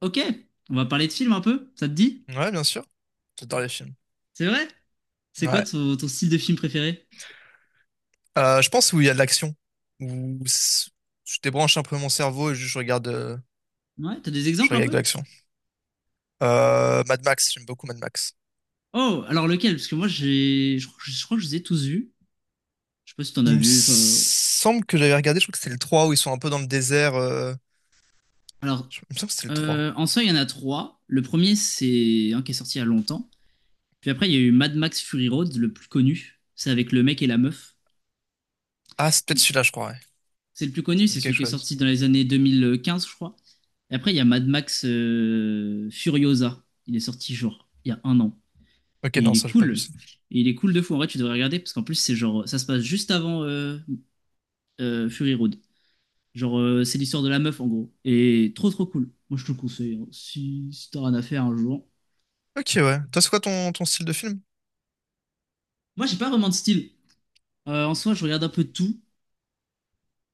Ok, on va parler de films un peu, ça te dit? Ouais, bien sûr. J'adore les films. C'est vrai? C'est quoi Ouais. ton style de film préféré? Je pense où il y a de l'action. Où s- je débranche un peu mon cerveau et juste Ouais, t'as des je exemples un regarde de peu? l'action. Mad Max, j'aime beaucoup Mad Max. Oh, alors lequel? Parce que moi je crois que je les ai tous vus. Je sais pas si t'en as Il me vu, enfin. semble que j'avais regardé, je crois que c'était le 3 où ils sont un peu dans le désert. Alors, Il me semble que c'était le trois. En soi, il y en a trois. Le premier, c'est un qui est sorti il y a longtemps. Puis après, il y a eu Mad Max Fury Road, le plus connu. C'est avec le mec et la meuf. Ah, c'est peut-être celui-là, je crois, ouais. C'est le plus Ça connu, me c'est dit quelque celui qui est chose. sorti dans les années 2015, je crois. Et après, il y a Mad Max Furiosa. Il est sorti genre il y a un an. Ok, Et il non, est ça, j'ai pas vu cool. ça. Et il est cool de fou. En vrai, tu devrais regarder parce qu'en plus, c'est genre, ça se passe juste avant Fury Road. Genre, c'est l'histoire de la meuf en gros. Et trop trop cool. Moi, je te le conseille, hein. Si t'as rien à faire un jour. Ok, ouais. Toi, c'est quoi ton style de film? Moi, j'ai pas vraiment de style. En soi, je regarde un peu de tout.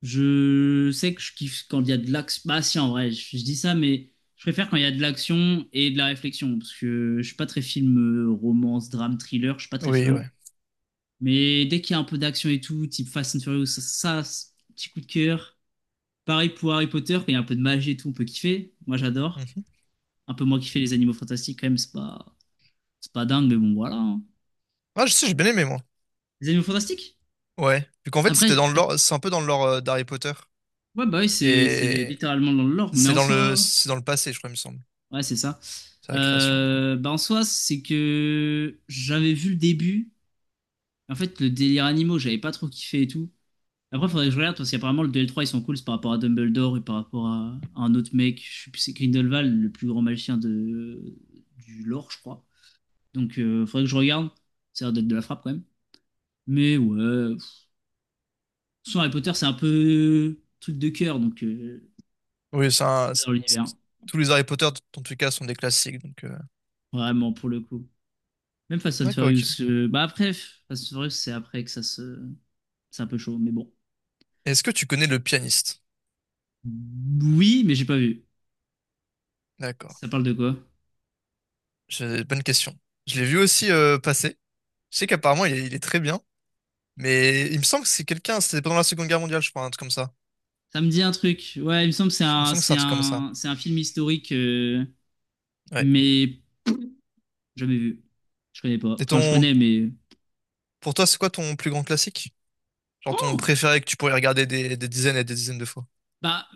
Je sais que je kiffe quand il y a de l'action. Bah si, en vrai, je dis ça, mais je préfère quand il y a de l'action et de la réflexion. Parce que je suis pas très film, romance, drame, thriller. Je suis pas très Oui, fan. ouais. Mais dès qu'il y a un peu d'action et tout, type Fast and Furious, c'est petit coup de cœur. Pareil pour Harry Potter, quand il y a un peu de magie et tout, on peut kiffer. Moi, j'adore. Mhm. Un peu moins kiffer les animaux fantastiques, quand même, c'est pas dingue, mais bon, voilà, hein. Ah, je sais, j'ai bien aimé, moi. Les animaux fantastiques? Ouais. Vu qu'en fait, c'était Après, dans le lore, c'est un peu dans le lore d'Harry Potter. ouais, bah oui, c'est Et littéralement dans le lore, mais en soi, c'est dans le passé, je crois, il me semble. ouais, c'est ça. C'est la création. Bah en soi, c'est que j'avais vu le début. En fait, le délire animaux, j'avais pas trop kiffé et tout. Après, faudrait que je regarde parce qu'apparemment, le DL3, ils sont cool, c'est par rapport à Dumbledore et par rapport à un autre mec. Je sais plus, c'est Grindelwald, le plus grand magicien de, du lore, je crois. Donc, il faudrait que je regarde. Ça a l'air d'être de la frappe quand même. Mais ouais, Harry Potter, c'est un peu truc de cœur, donc Oui, c'est un- dans l'univers. c'est- tous les Harry Potter, dans tous les cas, sont des classiques. Donc, Vraiment, pour le coup. Même Fast and d'accord, ok. Furious. Bah après, Fast and Furious, c'est après que ça se. C'est un peu chaud, mais bon. Est-ce que tu connais le pianiste? Oui, mais j'ai pas vu. D'accord. Ça parle de quoi? Bonne question. Je l'ai vu aussi passer. Je sais qu'apparemment, il est très bien. Mais il me semble que c'est quelqu'un, c'était pendant la Seconde Guerre mondiale, je crois, un truc comme ça. Ça me dit un truc. Ouais, il me semble que c'est Il me un, semble que c'est c'est un truc comme ça. un, c'est un film historique, Ouais. mais jamais vu. Je connais pas. Et Enfin, je ton, connais, mais. pour toi, c'est quoi ton plus grand classique? Genre ton Oh! préféré que tu pourrais regarder des dizaines et des dizaines de fois. Bah,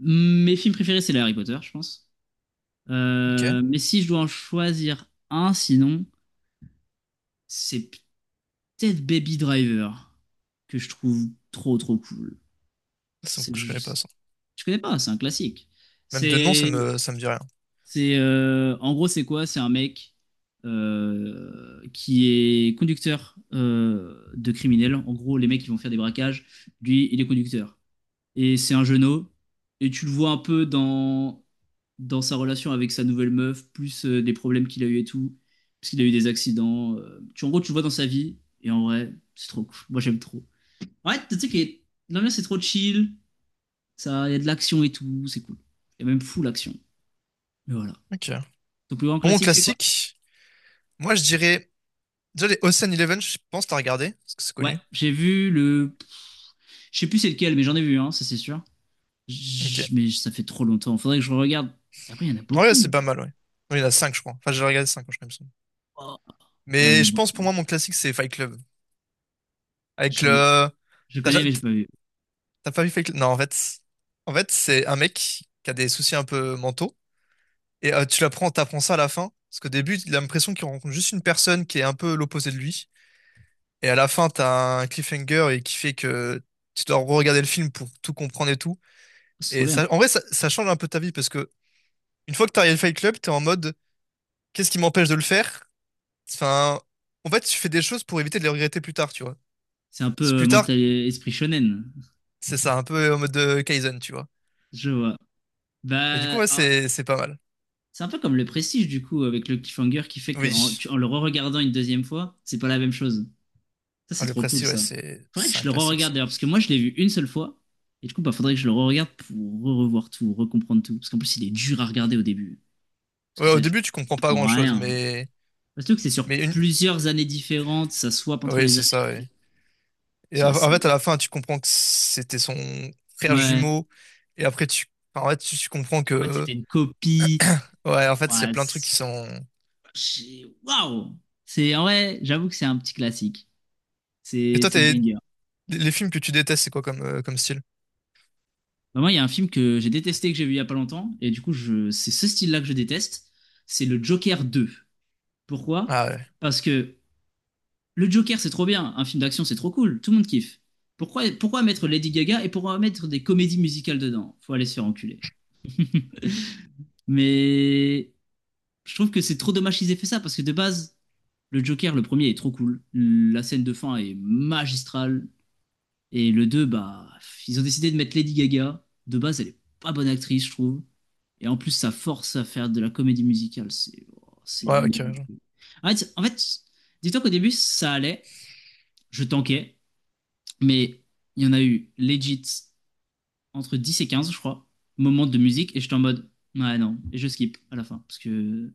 mes films préférés, c'est les Harry Potter, je pense. Ok. Mais si je dois en choisir un, sinon, c'est peut-être Baby Driver, que je trouve trop trop cool. Ça, C'est, je je, connais pas ça. je connais pas, c'est un classique. Même de nom, ça C'est, me, ça me dit rien. En gros, c'est quoi? C'est un mec qui est conducteur de criminels. En gros, les mecs qui vont faire des braquages, lui, il est conducteur. Et c'est un jeuneau. Et tu le vois un peu dans sa relation avec sa nouvelle meuf, plus des problèmes qu'il a eu et tout, parce qu'il a eu des accidents. En gros, tu le vois dans sa vie, et en vrai, c'est trop cool. Moi, j'aime trop. Ouais, tu sais que l'ambiance c'est trop chill, ça, il y a de l'action et tout, c'est cool. Il y a même fou l'action. Mais voilà. Ok. Ton plus grand Pour mon classique, c'est quoi? classique, moi je dirais, déjà les Ocean Eleven, je pense que t'as regardé, parce que c'est Ouais, connu. j'ai vu le. Je sais plus c'est lequel, mais j'en ai vu, hein, ça c'est sûr. Ok. Mais ça fait trop longtemps. Faudrait que je regarde. Après, il y en a Ouais, c'est beaucoup. pas mal, ouais. Non, il y en a 5, je crois. Enfin, j'ai regardé 5, je crois, il me semble. Oh, ouais, il y Mais en a je pense pour beaucoup. moi, mon classique, c'est Fight Club. Avec le. Je T'as ja- connais, mais j'ai pas vu. T'as pas vu Fake. Non, en fait, c'est un mec qui a des soucis un peu mentaux. Et t'apprends ça à la fin. Parce qu'au début, il a l'impression qu'il rencontre juste une personne qui est un peu l'opposé de lui. Et à la fin, t'as un cliffhanger et qui fait que tu dois regarder le film pour tout comprendre et tout. C'est trop Et bien. ça, en vrai, ça change un peu ta vie parce que une fois que t'as regardé Fight Club, t'es en mode, qu'est-ce qui m'empêche de le faire? Enfin, en fait, tu fais des choses pour éviter de les regretter plus tard, tu vois. C'est un Si peu plus tard, mental esprit shonen. c'est ça, un peu en mode de Kaizen, tu vois. Je vois. Et du coup, Bah ouais, alors, c'est pas mal. c'est un peu comme le prestige, du coup, avec le cliffhanger qui fait qu'en Oui. en le re-regardant une deuxième fois, c'est pas la même chose. Ça, Ah, c'est le trop cool, Prestige, ouais, ça. c'est Faudrait que c'est je un le classique, re-regarde ça. d'ailleurs, parce que moi, je l'ai vu une seule fois. Et du coup, bah, faudrait que je le re-regarde pour re-revoir tout, recomprendre tout. Parce qu'en plus, il est dur à regarder au début. Parce que Ouais, au ça, début, tu tu comprends pas comprends grand-chose, rien. Surtout que c'est sur mais une. plusieurs années différentes, ça swap entre Oui, les c'est années. ça, ouais. Et C'est en fait, à assez. la fin, tu comprends que c'était son frère Ouais. jumeau, et après, tu. Enfin, en fait, tu comprends En fait, que. c'était une copie. Ouais, en fait, il y a Ouais, plein de trucs qui c'est- sont. Waouh! C'est, en vrai, j'avoue que c'est un petit classique. Et toi, C'est banger. les films que tu détestes, c'est quoi comme, comme style? Bah moi, il y a un film que j'ai détesté, que j'ai vu il y a pas longtemps, et du coup, c'est ce style-là que je déteste. C'est le Joker deux. Pourquoi? Ah ouais. Parce que le Joker, c'est trop bien. Un film d'action, c'est trop cool. Tout le monde kiffe. Pourquoi mettre Lady Gaga et pourquoi mettre des comédies musicales dedans? Faut aller se faire enculer. Mais je trouve que c'est trop dommage qu'ils aient fait ça parce que de base, le Joker, le premier est trop cool. La scène de fin est magistrale. Et le 2, bah, ils ont décidé de mettre Lady Gaga. De base, elle est pas bonne actrice, je trouve. Et en plus, ça force à faire de la comédie musicale. C'est, oh, c'est Ouais, ok. ennuyeux. En fait, dis-toi qu'au début, ça allait. Je tanquais. Mais il y en a eu legit entre 10 et 15, je crois, moments de musique. Et j'étais en mode, ouais, non. Et je skip à la fin. Parce que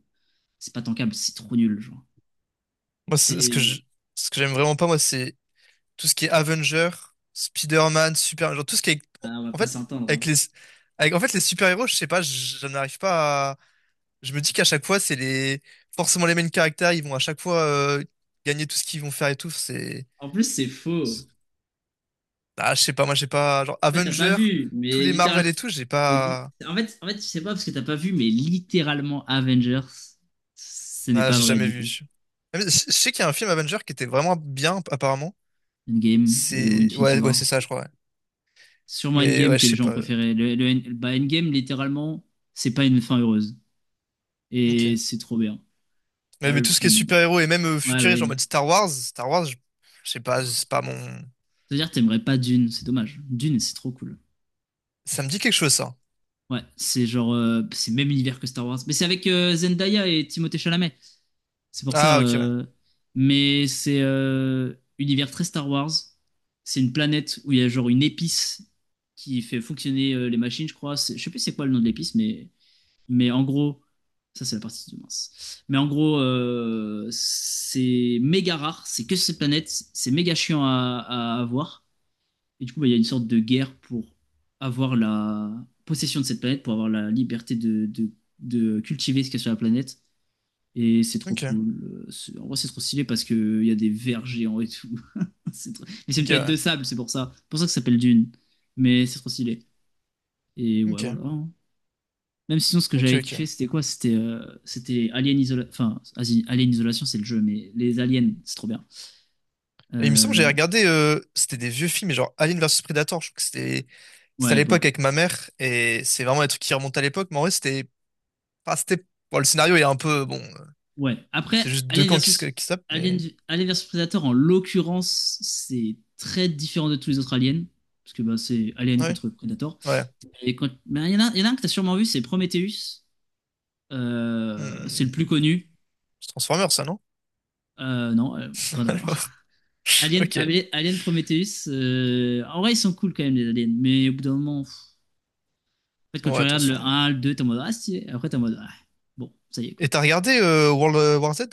c'est pas tankable, c'est trop nul, genre. Moi, ce que C'est... ce que j'aime vraiment pas, moi, c'est tout ce qui est Avenger, Spider-Man, Super, genre tout ce qui est, Ah, on va en pas fait, s'entendre, hein. avec les, avec, en fait, les super-héros, je sais pas, je n'arrive pas à, je me dis qu'à chaque fois, c'est les, forcément les mêmes caractères, ils vont à chaque fois, gagner tout ce qu'ils vont faire et tout, c'est, En plus, c'est faux. ah, je sais pas, moi, j'ai pas, genre, En fait, t'as pas Avenger, vu. tous Mais les littéral... Marvel et tout, j'ai Mais li- pas, en fait, je sais pas parce que t'as pas vu, mais littéralement Avengers, ce n'est ah, pas j'ai vrai jamais du vu. coup. Je sais qu'il y a un film Avenger qui était vraiment bien, apparemment. Endgame et ou C'est, Infinity ouais, ouais, War. c'est ça, je crois, ouais. Sûrement Mais, Endgame ouais, je que les sais gens ont pas. préféré. Endgame, littéralement, c'est pas une fin heureuse. Ok. Et c'est trop bien. Ouais, Ah, mais le tout ce qui est film. super-héros et même Ouais, futuriste, en ouais. mode Star Wars, Star Wars, je sais pas, c'est pas mon. C'est-à-dire, t'aimerais pas Dune, c'est dommage. Dune, c'est trop cool. Ça me dit quelque chose, ça. Ouais, c'est genre. C'est le même univers que Star Wars. Mais c'est avec Zendaya et Timothée Chalamet. C'est pour ça. Ah, ok, ouais. Mais c'est univers très Star Wars. C'est une planète où il y a genre une épice qui fait fonctionner les machines, je crois. Je sais plus c'est quoi le nom de l'épice, mais en gros, ça c'est la partie du mince. Mais en gros, c'est méga rare. C'est que cette planète, c'est méga chiant à avoir. Et du coup, bah, il y a une sorte de guerre pour avoir la possession de cette planète, pour avoir la liberté de cultiver ce qu'il y a sur la planète. Et c'est trop Ok, cool. En vrai, c'est trop stylé parce qu'il y a des vers géants et tout. C'est trop- Mais c'est ok, une planète de ouais. sable, c'est pour ça. C'est pour ça que ça s'appelle Dune. Mais c'est trop stylé. Et ouais, Ok, voilà, hein. Même sinon, ce que ok, j'avais ok. kiffé, c'était quoi? C'était Alien Isolation. Enfin, vas-y, Alien Isolation, c'est le jeu, mais les aliens, c'est trop bien. Et il me semble que j'avais Euh, regardé, c'était des vieux films, mais genre Alien vs Predator, je crois que c'était à Ouais, bon, l'époque avec ma mère, et c'est vraiment un truc qui remonte à l'époque, mais en vrai, c'était. Pas c'était. Bon, le scénario est un peu. Bon, ouais. c'est Après, juste deux camps qui se, qui se tapent, Alien, mais. Alien versus Predator, en l'occurrence, c'est très différent de tous les autres aliens. Parce que bah, c'est Alien Ouais, contre Predator. ouais. Mais il y en a un que t'as sûrement vu, c'est Prometheus. C'est le Hmm. plus connu. C'est Transformers, ça, non? Euh, non, euh, Rien à voir. Alors, ok. Alien Prometheus. En vrai, ils sont cool quand même, les aliens. Mais au bout d'un moment, en fait, quand Bon, tu ouais, de toute regardes façon. le un, le 2 t'es en mode ah, stylé. Après, t'es en mode ah, bon, ça y est, quoi. Et t'as regardé World War Z?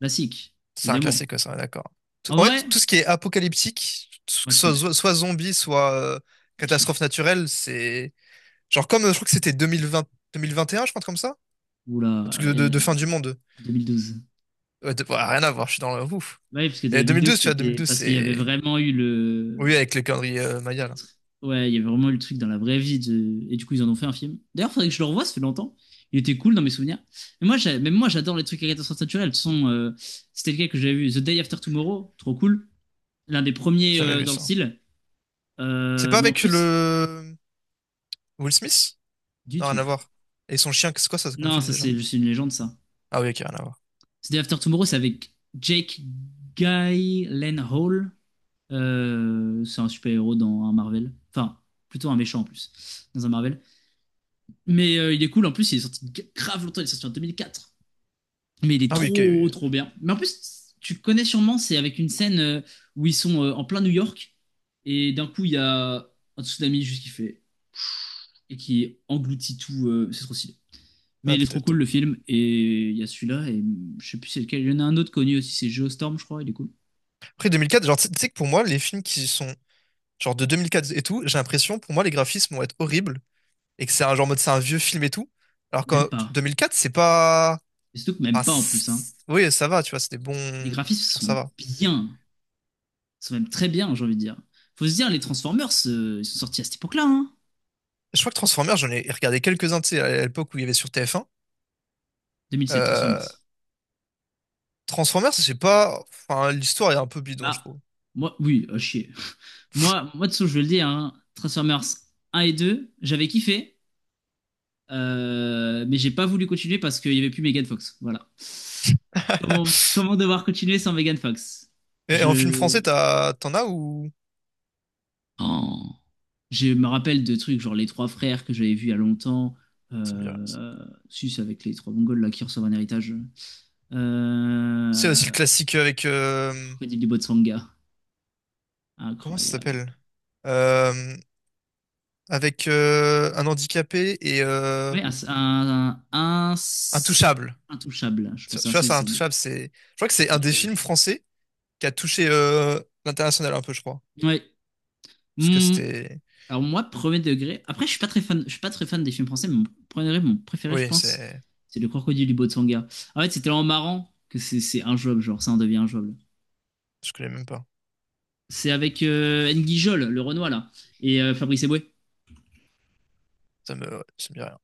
Classique, C'est un évidemment. classique, ça, d'accord. En En vrai, fait, tout ce qui est apocalyptique, moi, que je ce kiffe. soit, soit zombie, soit Je kiffe. catastrophe naturelle, c'est. Genre, comme je crois que c'était 2020, 2021, je crois, un truc comme ça? Un truc Oula, de fin du monde. 2012. Ouais, ouais, rien à voir, je suis dans le ouf. Oui, parce que Et 2012, 2012, tu vois, c'était 2012, parce qu'il y avait c'est. vraiment eu Oui, le... avec le calendrier le Maya, là. tr- Ouais, il y avait vraiment eu le truc dans la vraie vie. Et du coup, ils en ont fait un film. D'ailleurs, faudrait que je le revoie, ça fait longtemps. Il était cool dans mes souvenirs. Mais même moi, j'adore les trucs à catastrophe naturelle. De toute façon, c'était lequel que j'avais vu, The Day After Tomorrow, trop cool. L'un des premiers J'ai jamais vu dans le ça. style. C'est pas Mais en avec plus, le. Will Smith? du Non, rien à tout. voir. Et son chien, c'est quoi ça comme Non, film ça, déjà? c'est juste une légende, ça. Ah oui, ok, rien à voir. The Day After Tomorrow, c'est avec Jake Gyllenhaal. C'est un super-héros dans un Marvel. Enfin, plutôt un méchant en plus, dans un Marvel. Mais il est cool, en plus, il est sorti grave longtemps, il est sorti en 2004. Mais il est Ah oui, ok, oui. trop, Oui. trop bien. Mais en plus, tu connais sûrement, c'est avec une scène où ils sont en plein New York, et d'un coup, il y a un tsunami juste qui fait, et qui engloutit tout, c'est trop stylé. Mais Ouais, il est trop cool peut-être. le film, et il y a celui-là, et je sais plus c'est lequel. Il y en a un autre connu aussi, c'est Geostorm, je crois, il est cool. Après 2004 genre, tu sais que pour moi, les films qui sont genre de 2004 et tout, j'ai l'impression, pour moi, les graphismes vont être horribles et que c'est un genre mode, c'est un vieux film et tout. Alors Même que pas. 2004 c'est pas. Et surtout que Ah, même pas en plus, hein. Oui, ça va, tu vois, c'est des bons. Les graphismes Genre, ça sont va. bien. Ils sont même très bien, j'ai envie de dire. Faut se dire, les Transformers, ils sont sortis à cette époque-là, hein. Je crois que Transformers, j'en ai regardé quelques-uns, tu sais, à l'époque où il y avait sur TF1. 2007, Euh, Transformers. Transformers, c'est pas. Enfin, l'histoire est un peu bidon, je Bah trouve. moi, oui, à chier. Dessous, je vais le dire, hein, Transformers 1 et 2, j'avais kiffé, mais j'ai pas voulu continuer parce qu'il y avait plus Megan Fox. Voilà. Comment, comment devoir continuer sans Megan Fox? Et, en film Je. français, t'en as ou. Oh. Je me rappelle de trucs genre les trois frères que j'avais vus il y a longtemps. Ça me dit rien. Euh, Si, c'est avec les trois Mongols là qui reçoivent un héritage. C'est aussi le Euh, classique avec. Le crocodile du Botsanga. Comment ça Incroyable. s'appelle? Euh, Avec un handicapé et Oui, un- Intouchable. intouchable. Je Tu pensais tu vois, ça, insaisissable. Intouchable, c'est. Je crois que c'est Je ne un l'ai des pas films vu. français qui a touché l'international un peu, je crois. Ouais. Parce que Hmm. c'était. Alors moi, premier degré. Après, je suis pas très fan. Je suis pas très fan des films français, mais mon premier degré, mon préféré, je Oui, pense, c'est. c'est Le Crocodile du Botsanga. En fait, c'est tellement marrant que c'est injouable, genre ça en devient injouable. Je connais même pas. C'est avec N'Guy Jol, le Renoir là, et Fabrice Eboué. Ça me. Ouais, ça me dit rien.